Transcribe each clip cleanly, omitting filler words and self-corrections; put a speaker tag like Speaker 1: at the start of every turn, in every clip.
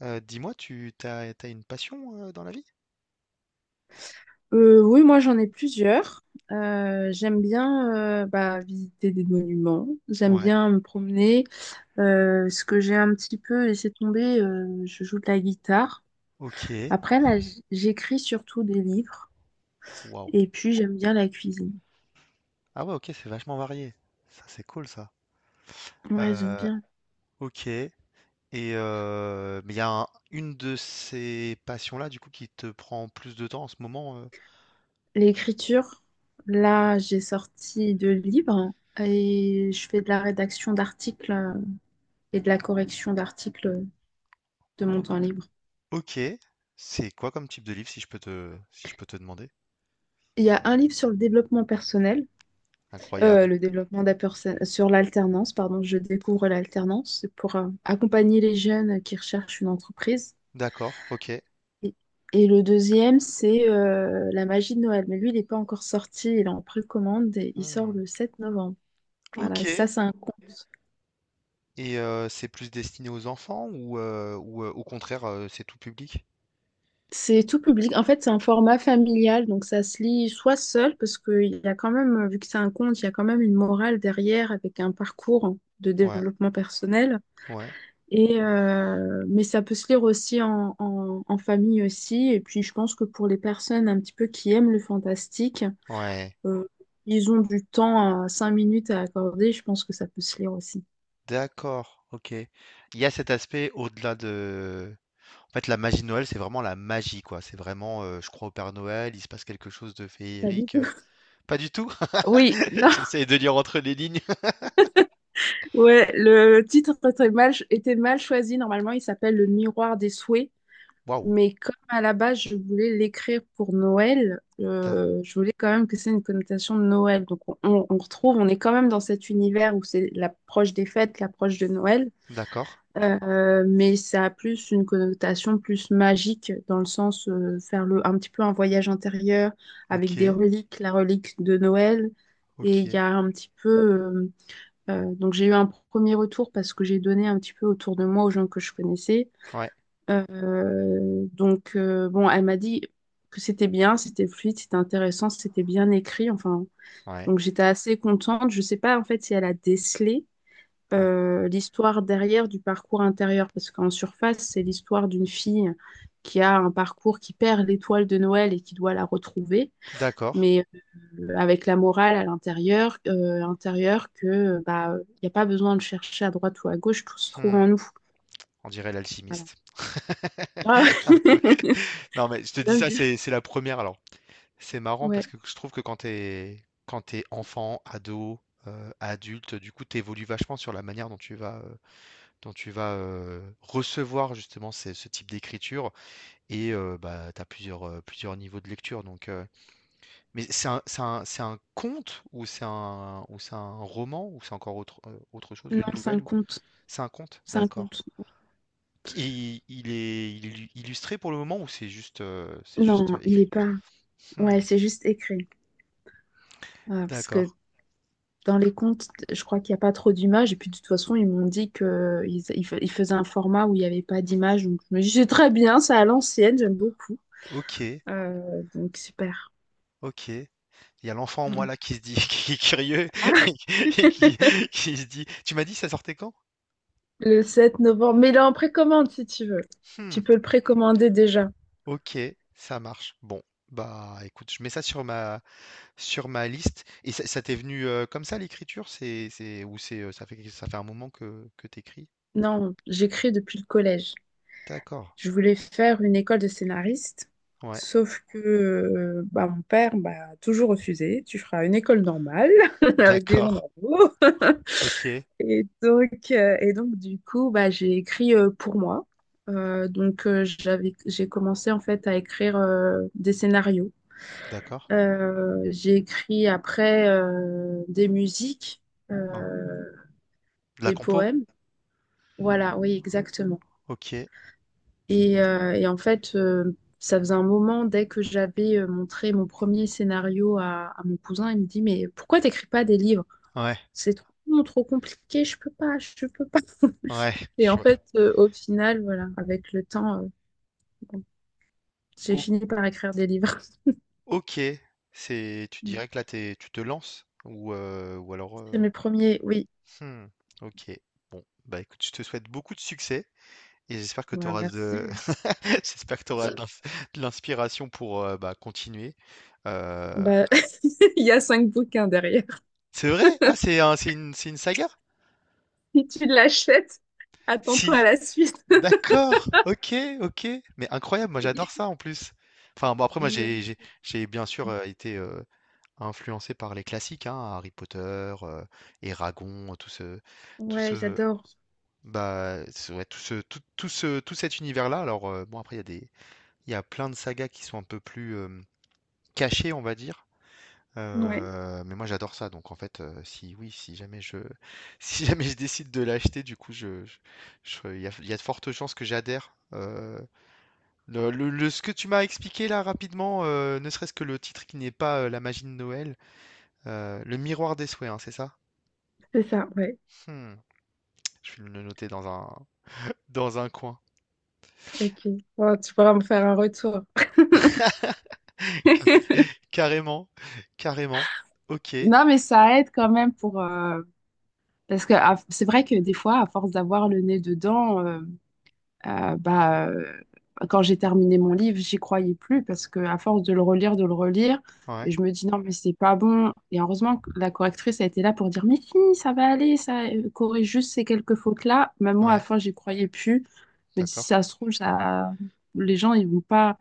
Speaker 1: Dis-moi, t'as une passion dans la vie?
Speaker 2: Oui, moi j'en ai plusieurs. J'aime bien bah, visiter des monuments, j'aime
Speaker 1: Ouais.
Speaker 2: bien me promener. Ce que j'ai un petit peu laissé tomber, je joue de la guitare.
Speaker 1: Ok.
Speaker 2: Après, là, j'écris surtout des livres
Speaker 1: Waouh.
Speaker 2: et puis j'aime bien la cuisine.
Speaker 1: Ah ouais, ok, c'est vachement varié. Ça, c'est cool, ça.
Speaker 2: Ouais, j'aime
Speaker 1: Euh,
Speaker 2: bien.
Speaker 1: ok. Et mais il y a une de ces passions-là, du coup, qui te prend plus de temps en ce moment.
Speaker 2: L'écriture, là, j'ai sorti deux livres et je fais de la rédaction d'articles et de la correction d'articles de mon
Speaker 1: O-
Speaker 2: temps libre.
Speaker 1: Ok. C'est quoi comme type de livre, si je peux te demander?
Speaker 2: Il y a un livre sur le développement personnel.
Speaker 1: Incroyable.
Speaker 2: Le développement de sur l'alternance, pardon, je découvre l'alternance, c'est pour accompagner les jeunes qui recherchent une entreprise.
Speaker 1: D'accord. Ok.
Speaker 2: Et, et le deuxième, c'est la magie de Noël. Mais lui, il n'est pas encore sorti, il est en précommande et il sort
Speaker 1: Hmm.
Speaker 2: le 7 novembre. Voilà, et ça,
Speaker 1: Ok.
Speaker 2: c'est un conte.
Speaker 1: Et c'est plus destiné aux enfants ou, au contraire, c'est tout public?
Speaker 2: C'est tout public. En fait, c'est un format familial, donc ça se lit soit seul, parce qu'il y a quand même, vu que c'est un conte, il y a quand même une morale derrière avec un parcours de
Speaker 1: Ouais.
Speaker 2: développement personnel.
Speaker 1: Ouais.
Speaker 2: Et, mais ça peut se lire aussi en, en famille aussi. Et puis je pense que pour les personnes un petit peu qui aiment le fantastique,
Speaker 1: Ouais.
Speaker 2: euh, ils ont du temps à 5 minutes à accorder. Je pense que ça peut se lire aussi.
Speaker 1: D'accord, ok. Il y a cet aspect En fait, la magie de Noël, c'est vraiment la magie, quoi. C'est vraiment, je crois au Père Noël, il se passe quelque chose de
Speaker 2: Pas du
Speaker 1: féerique.
Speaker 2: tout.
Speaker 1: Pas du tout.
Speaker 2: Oui, non.
Speaker 1: J'essaye de lire entre les lignes.
Speaker 2: Ouais, le titre était mal choisi. Normalement, il s'appelle Le miroir des souhaits.
Speaker 1: Waouh.
Speaker 2: Mais comme à la base, je voulais l'écrire pour Noël,
Speaker 1: D'a-
Speaker 2: je voulais quand même que c'est une connotation de Noël. Donc on retrouve, on est quand même dans cet univers où c'est l'approche des fêtes, l'approche de Noël.
Speaker 1: D'accord.
Speaker 2: Mais ça a plus une connotation plus magique dans le sens un petit peu un voyage intérieur avec des
Speaker 1: Ok.
Speaker 2: reliques, la relique de Noël. Et il
Speaker 1: Ok.
Speaker 2: y a un petit peu. Donc j'ai eu un premier retour parce que j'ai donné un petit peu autour de moi aux gens que je connaissais.
Speaker 1: Ouais.
Speaker 2: Donc, bon, elle m'a dit que c'était bien, c'était fluide, c'était intéressant, c'était bien écrit. Enfin,
Speaker 1: Ouais.
Speaker 2: donc j'étais assez contente. Je sais pas en fait si elle a décelé
Speaker 1: Ouais.
Speaker 2: l'histoire derrière du parcours intérieur, parce qu'en surface, c'est l'histoire d'une fille qui a un parcours qui perd l'étoile de Noël et qui doit la retrouver,
Speaker 1: D'accord.
Speaker 2: mais avec la morale à l'intérieur, intérieur que bah, il n'y a pas besoin de chercher à droite ou à gauche, tout se trouve
Speaker 1: Hmm,
Speaker 2: en nous.
Speaker 1: on dirait
Speaker 2: Voilà.
Speaker 1: l'alchimiste.
Speaker 2: Ah,
Speaker 1: Un peu. Non, mais je te dis
Speaker 2: J'aime
Speaker 1: ça,
Speaker 2: bien.
Speaker 1: c'est la première. Alors, c'est marrant parce
Speaker 2: Ouais.
Speaker 1: que je trouve que quand t'es enfant, ado, adulte, du coup, t'évolues vachement sur la manière dont tu vas recevoir justement ce type d'écriture et bah t'as plusieurs plusieurs niveaux de lecture. Donc, mais c'est un conte ou c'est un roman ou c'est encore autre autre chose,
Speaker 2: Non,
Speaker 1: une
Speaker 2: c'est
Speaker 1: nouvelle
Speaker 2: un
Speaker 1: ou
Speaker 2: compte.
Speaker 1: c'est un conte,
Speaker 2: C'est un
Speaker 1: d'accord.
Speaker 2: compte.
Speaker 1: Il est illustré pour le moment ou c'est juste
Speaker 2: Non, il
Speaker 1: écrit?
Speaker 2: est pas.
Speaker 1: Hmm,
Speaker 2: Ouais, c'est juste écrit. Ah, parce
Speaker 1: d'accord.
Speaker 2: que dans les comptes, je crois qu'il n'y a pas trop d'images. Et puis de toute façon, ils m'ont dit qu'ils faisaient un format où il n'y avait pas d'images. Donc je me dis, c'est très bien, c'est à l'ancienne, j'aime beaucoup.
Speaker 1: Ok,
Speaker 2: Donc super.
Speaker 1: ok. Il y a l'enfant en moi là qui se dit qui est curieux
Speaker 2: Ah,
Speaker 1: et qui qui se dit: «Tu m'as dit ça sortait quand?
Speaker 2: le 7 novembre. Mais il est en précommande si tu veux.
Speaker 1: Mmh,
Speaker 2: Tu peux le précommander déjà.
Speaker 1: OK, ça marche. Bon, bah, écoute, je mets ça sur ma liste» et ça t'es venu, comme ça l'écriture? Ça fait un moment que t'écris
Speaker 2: Non, j'écris depuis le collège.
Speaker 1: D'accord,
Speaker 2: Je voulais faire une école de scénariste,
Speaker 1: ouais,
Speaker 2: sauf que bah, mon père m'a toujours refusé. Tu feras une école normale avec des gens
Speaker 1: d'accord,
Speaker 2: normaux.
Speaker 1: OK,
Speaker 2: Et donc, du coup, bah, j'ai écrit pour moi. Donc, j'ai commencé en fait à écrire des scénarios.
Speaker 1: d'accord.
Speaker 2: J'ai écrit après des musiques, euh,
Speaker 1: Hein, de la
Speaker 2: des
Speaker 1: compo?
Speaker 2: poèmes. Voilà, oui, exactement.
Speaker 1: OK,
Speaker 2: Et en fait, ça faisait un moment, dès que j'avais montré mon premier scénario à mon cousin, il me dit: «Mais pourquoi t'écris pas des livres?
Speaker 1: ouais,
Speaker 2: C'est trop, trop compliqué, je peux pas, je peux pas.»
Speaker 1: ouais,
Speaker 2: Et
Speaker 1: je
Speaker 2: en
Speaker 1: vois.
Speaker 2: fait, au final, voilà, avec le temps, bon, j'ai
Speaker 1: O
Speaker 2: fini par écrire des livres.
Speaker 1: OK, c'est tu dirais que là, t'es tu te lances ou
Speaker 2: C'est mes premiers, oui.
Speaker 1: Mmh. OK. Bon, bah, écoute, je te souhaite beaucoup de succès et j'espère que tu
Speaker 2: Bah,
Speaker 1: auras de
Speaker 2: merci.
Speaker 1: j'espère que tu auras de l'inspiration pour, bah, continuer. Heu,
Speaker 2: Bah, il y a cinq bouquins derrière.
Speaker 1: c'est vrai? Ah, c'est une saga?
Speaker 2: Si tu l'achètes, attends-toi
Speaker 1: Si.
Speaker 2: à la suite.
Speaker 1: D'accord. OK, OK. Mais incroyable, moi
Speaker 2: Oui,
Speaker 1: j'adore ça en plus. Enfin, bon, après moi
Speaker 2: j'ai-
Speaker 1: j'ai bien sûr, été, influencé par les classiques, hein, Harry Potter, euh, et Eragon, tout
Speaker 2: ouais,
Speaker 1: ce
Speaker 2: j'adore.
Speaker 1: bah, c'est- ouais, tout cet univers-là. Alors, bon, après, il y a plein de sagas qui sont un peu plus cachées, on va dire.
Speaker 2: Ouais,
Speaker 1: Mais moi, j'adore ça. Donc, en fait, si, oui, si jamais je, si jamais je décide de l'acheter, du coup, il y a de fortes chances que j'adhère. Ce que tu m'as expliqué là rapidement, ne serait-ce que le titre qui n'est pas La magie de Noël, Le miroir des souhaits, hein, c'est ça?
Speaker 2: c'est ça, ouais.
Speaker 1: Hmm, je vais le noter dans un coin.
Speaker 2: Ok. Bon, tu pourras me faire un retour.
Speaker 1: Carré- Carrément, carrément. Ok,
Speaker 2: Non, mais ça aide quand même pour. Parce que c'est vrai que des fois, à force d'avoir le nez dedans, bah, quand j'ai terminé mon livre, j'y croyais plus parce que à force de le relire,
Speaker 1: ouais,
Speaker 2: et je me dis non, mais c'est pas bon. Et heureusement que la correctrice a été là pour dire, mais si, ça va aller, ça corrige juste ces quelques fautes-là. Même moi, à la
Speaker 1: ouais,
Speaker 2: fin, j'y croyais plus. Je me dis, si
Speaker 1: d'accord,
Speaker 2: ça se trouve, ça. Les gens, ils vont pas.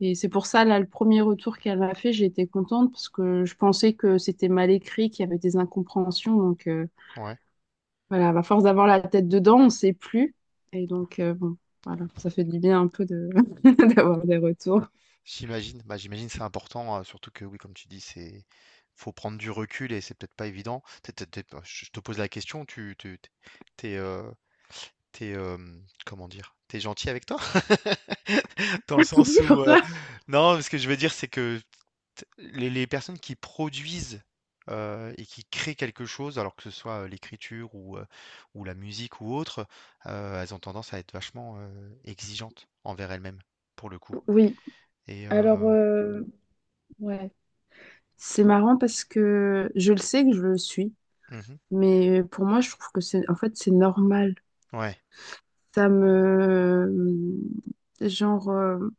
Speaker 2: Et c'est pour ça, là, le premier retour qu'elle m'a fait, j'ai été contente parce que je pensais que c'était mal écrit, qu'il y avait des incompréhensions. Donc,
Speaker 1: ouais.
Speaker 2: voilà, à force d'avoir la tête dedans, on ne sait plus. Et donc, bon, voilà, ça fait du bien un peu de d'avoir des retours.
Speaker 1: J'imagine, bah j'imagine c'est important, surtout que oui, comme tu dis, c'est faut prendre du recul et c'est peut-être pas évident. Bah, je te pose la question, t'es, euh, t'es, euh, comment dire, t'es gentil avec toi? Dans le sens où, non, ce que je veux dire, c'est que les personnes qui produisent et qui créent quelque chose, alors que ce soit l'écriture ou la musique ou autre, elles ont tendance à être vachement exigeantes envers elles-mêmes, pour le coup.
Speaker 2: Oui,
Speaker 1: Et
Speaker 2: alors, ouais, c'est marrant parce que je le sais que je le suis,
Speaker 1: mhm,
Speaker 2: mais pour moi, je trouve que c'est, en fait, c'est normal.
Speaker 1: ouais,
Speaker 2: Ça me, genre,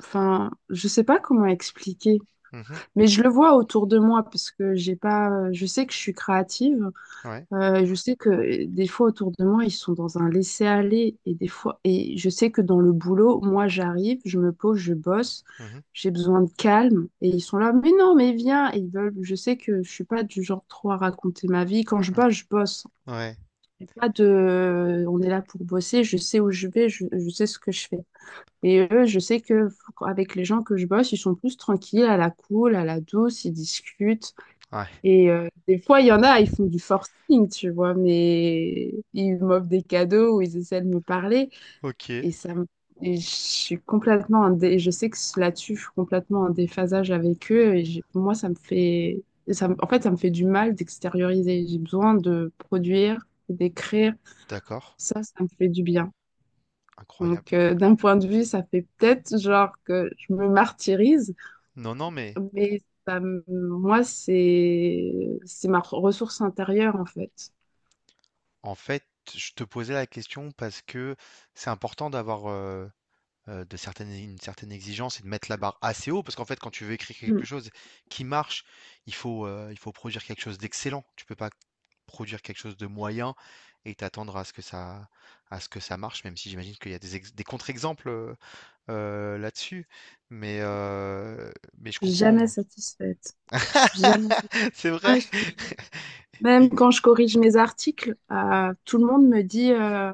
Speaker 2: enfin, je sais pas comment expliquer.
Speaker 1: mhm,
Speaker 2: Mais je le vois autour de moi parce que j'ai pas, je sais que je suis créative.
Speaker 1: ouais,
Speaker 2: Je sais que des fois autour de moi, ils sont dans un laisser-aller et des fois, et je sais que dans le boulot, moi, j'arrive, je me pose, je bosse,
Speaker 1: mhm,
Speaker 2: j'ai besoin de calme et ils sont là, mais non, mais viens. Et ils veulent, je sais que je suis pas du genre trop à raconter ma vie. Quand je bosse, je bosse.
Speaker 1: ouais,
Speaker 2: Y a pas de, on est là pour bosser. Je sais où je vais, je sais ce que je fais. Et eux, je sais que avec les gens que je bosse, ils sont plus tranquilles, à la cool, à la douce, ils discutent.
Speaker 1: ouais.
Speaker 2: Et des fois, il y en a, ils font du forcing, tu vois, mais ils m'offrent des cadeaux ou ils essaient de me parler.
Speaker 1: Ok,
Speaker 2: Et ça me- et je suis complètement je sais que là-dessus, je suis complètement en déphasage avec eux. Pour moi, ça me fait. En fait, ça me fait du mal d'extérioriser. J'ai besoin de produire, d'écrire.
Speaker 1: d'accord,
Speaker 2: Ça me fait du bien.
Speaker 1: incroyable.
Speaker 2: Donc, d'un point de vue, ça fait peut-être genre que je me martyrise,
Speaker 1: Non, non, mais
Speaker 2: moi, c'est ma ressource intérieure en fait.
Speaker 1: en fait, je te posais la question parce que c'est important d'avoir de certaines, une certaine exigence et de mettre la barre assez haut, parce qu'en fait, quand tu veux écrire quelque
Speaker 2: Mm.
Speaker 1: chose qui marche, il faut produire quelque chose d'excellent. Tu peux pas produire quelque chose de moyen et t'attendre à à ce que ça marche, même si j'imagine qu'il y a des contre-exemples là-dessus. Mais, euh, mais je
Speaker 2: Je suis
Speaker 1: comprends.
Speaker 2: jamais
Speaker 1: Moi.
Speaker 2: satisfaite. Je suis jamais satisfaite.
Speaker 1: C'est vrai.
Speaker 2: Ouais, même quand je corrige mes articles, tout le monde me dit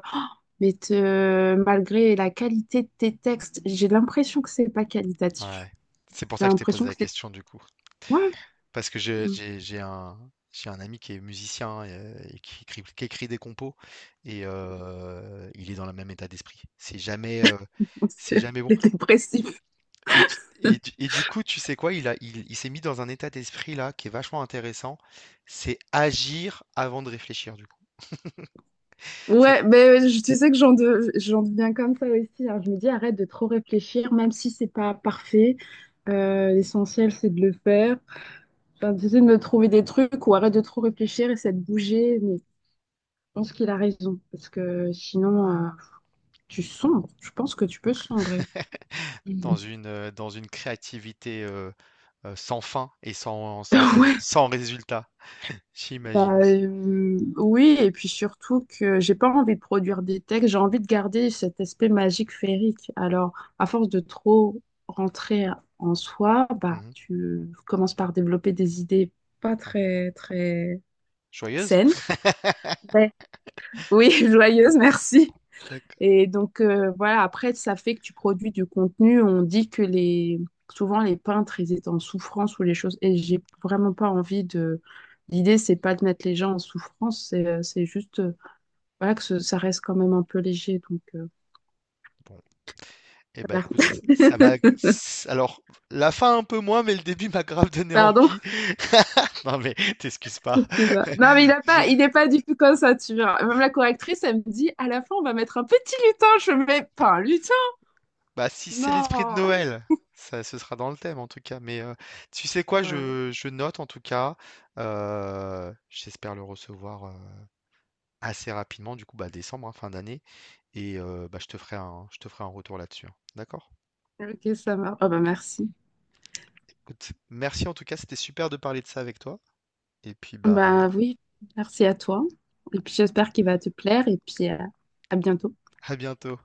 Speaker 2: mais malgré la qualité de tes textes, j'ai l'impression que c'est pas qualitatif.
Speaker 1: Ouais. C'est pour
Speaker 2: J'ai
Speaker 1: ça que je t'ai posé
Speaker 2: l'impression
Speaker 1: la
Speaker 2: que c'est
Speaker 1: question du coup.
Speaker 2: ouais,
Speaker 1: Parce que je j'ai un ami qui est musicien et qui écrit des compos et il est dans le même état d'esprit. C'est
Speaker 2: c'est
Speaker 1: jamais bon
Speaker 2: les dépressifs.
Speaker 1: et tu et du coup, tu sais quoi? Il a il il s'est mis dans un état d'esprit là qui est vachement intéressant. C'est agir avant de réfléchir du coup. C'est
Speaker 2: Ouais, mais tu sais que j'en deviens comme ça aussi, hein. Je me dis, arrête de trop réfléchir, même si c'est pas parfait. L'essentiel, c'est de le faire. Enfin, j'essaie de me trouver des trucs ou arrête de trop réfléchir, essaie de bouger. Mais je pense qu'il a raison, parce que sinon, tu sombres. Je pense que tu peux sombrer.
Speaker 1: dans une créativité, sans fin et
Speaker 2: Ouais.
Speaker 1: sans résultat,
Speaker 2: Bah,
Speaker 1: j'imagine.
Speaker 2: oui, et puis surtout que j'ai pas envie de produire des textes, j'ai envie de garder cet aspect magique féerique. Alors, à force de trop rentrer en soi, bah,
Speaker 1: Mmh
Speaker 2: tu commences par développer des idées pas
Speaker 1: ah,
Speaker 2: très, très
Speaker 1: joyeuse?
Speaker 2: saines. Ouais. Oui, joyeuses, merci.
Speaker 1: D'acc
Speaker 2: Et donc, voilà, après, ça fait que tu produis du contenu. On dit que les, souvent, les peintres, ils étaient en souffrance ou les choses. Et j'ai vraiment pas envie de. L'idée, c'est pas de mettre les gens en souffrance, c'est juste voilà, que ça reste quand même un peu léger. Donc,
Speaker 1: Bon. Eh ben
Speaker 2: voilà.
Speaker 1: écoute, ça m'a s alors la fin un peu moins, mais le début m'a grave donné
Speaker 2: Pardon.
Speaker 1: envie. Non mais t'excuses pas.
Speaker 2: Excuse-moi. Non, mais
Speaker 1: Je
Speaker 2: il n'est pas du tout comme ça, tu vois. Même la correctrice, elle me dit, à la fin, on va mettre un petit lutin. Je mets pas un lutin.
Speaker 1: bah, si c'est l'esprit de
Speaker 2: Non.
Speaker 1: Noël, ça ce sera dans le thème en tout cas, mais tu sais quoi?
Speaker 2: Ouais.
Speaker 1: Je note en tout cas, j'espère le recevoir, assez rapidement du coup, bah, décembre, hein, fin d'année et bah, je te ferai un retour là-dessus, hein. D'accord?
Speaker 2: Ok, ça marche. Ah bah merci.
Speaker 1: Écoute, merci en tout cas, c'était super de parler de ça avec toi et puis, bah,
Speaker 2: Bah oui, merci à toi. Et puis j'espère qu'il va te plaire et puis à bientôt.
Speaker 1: à bientôt.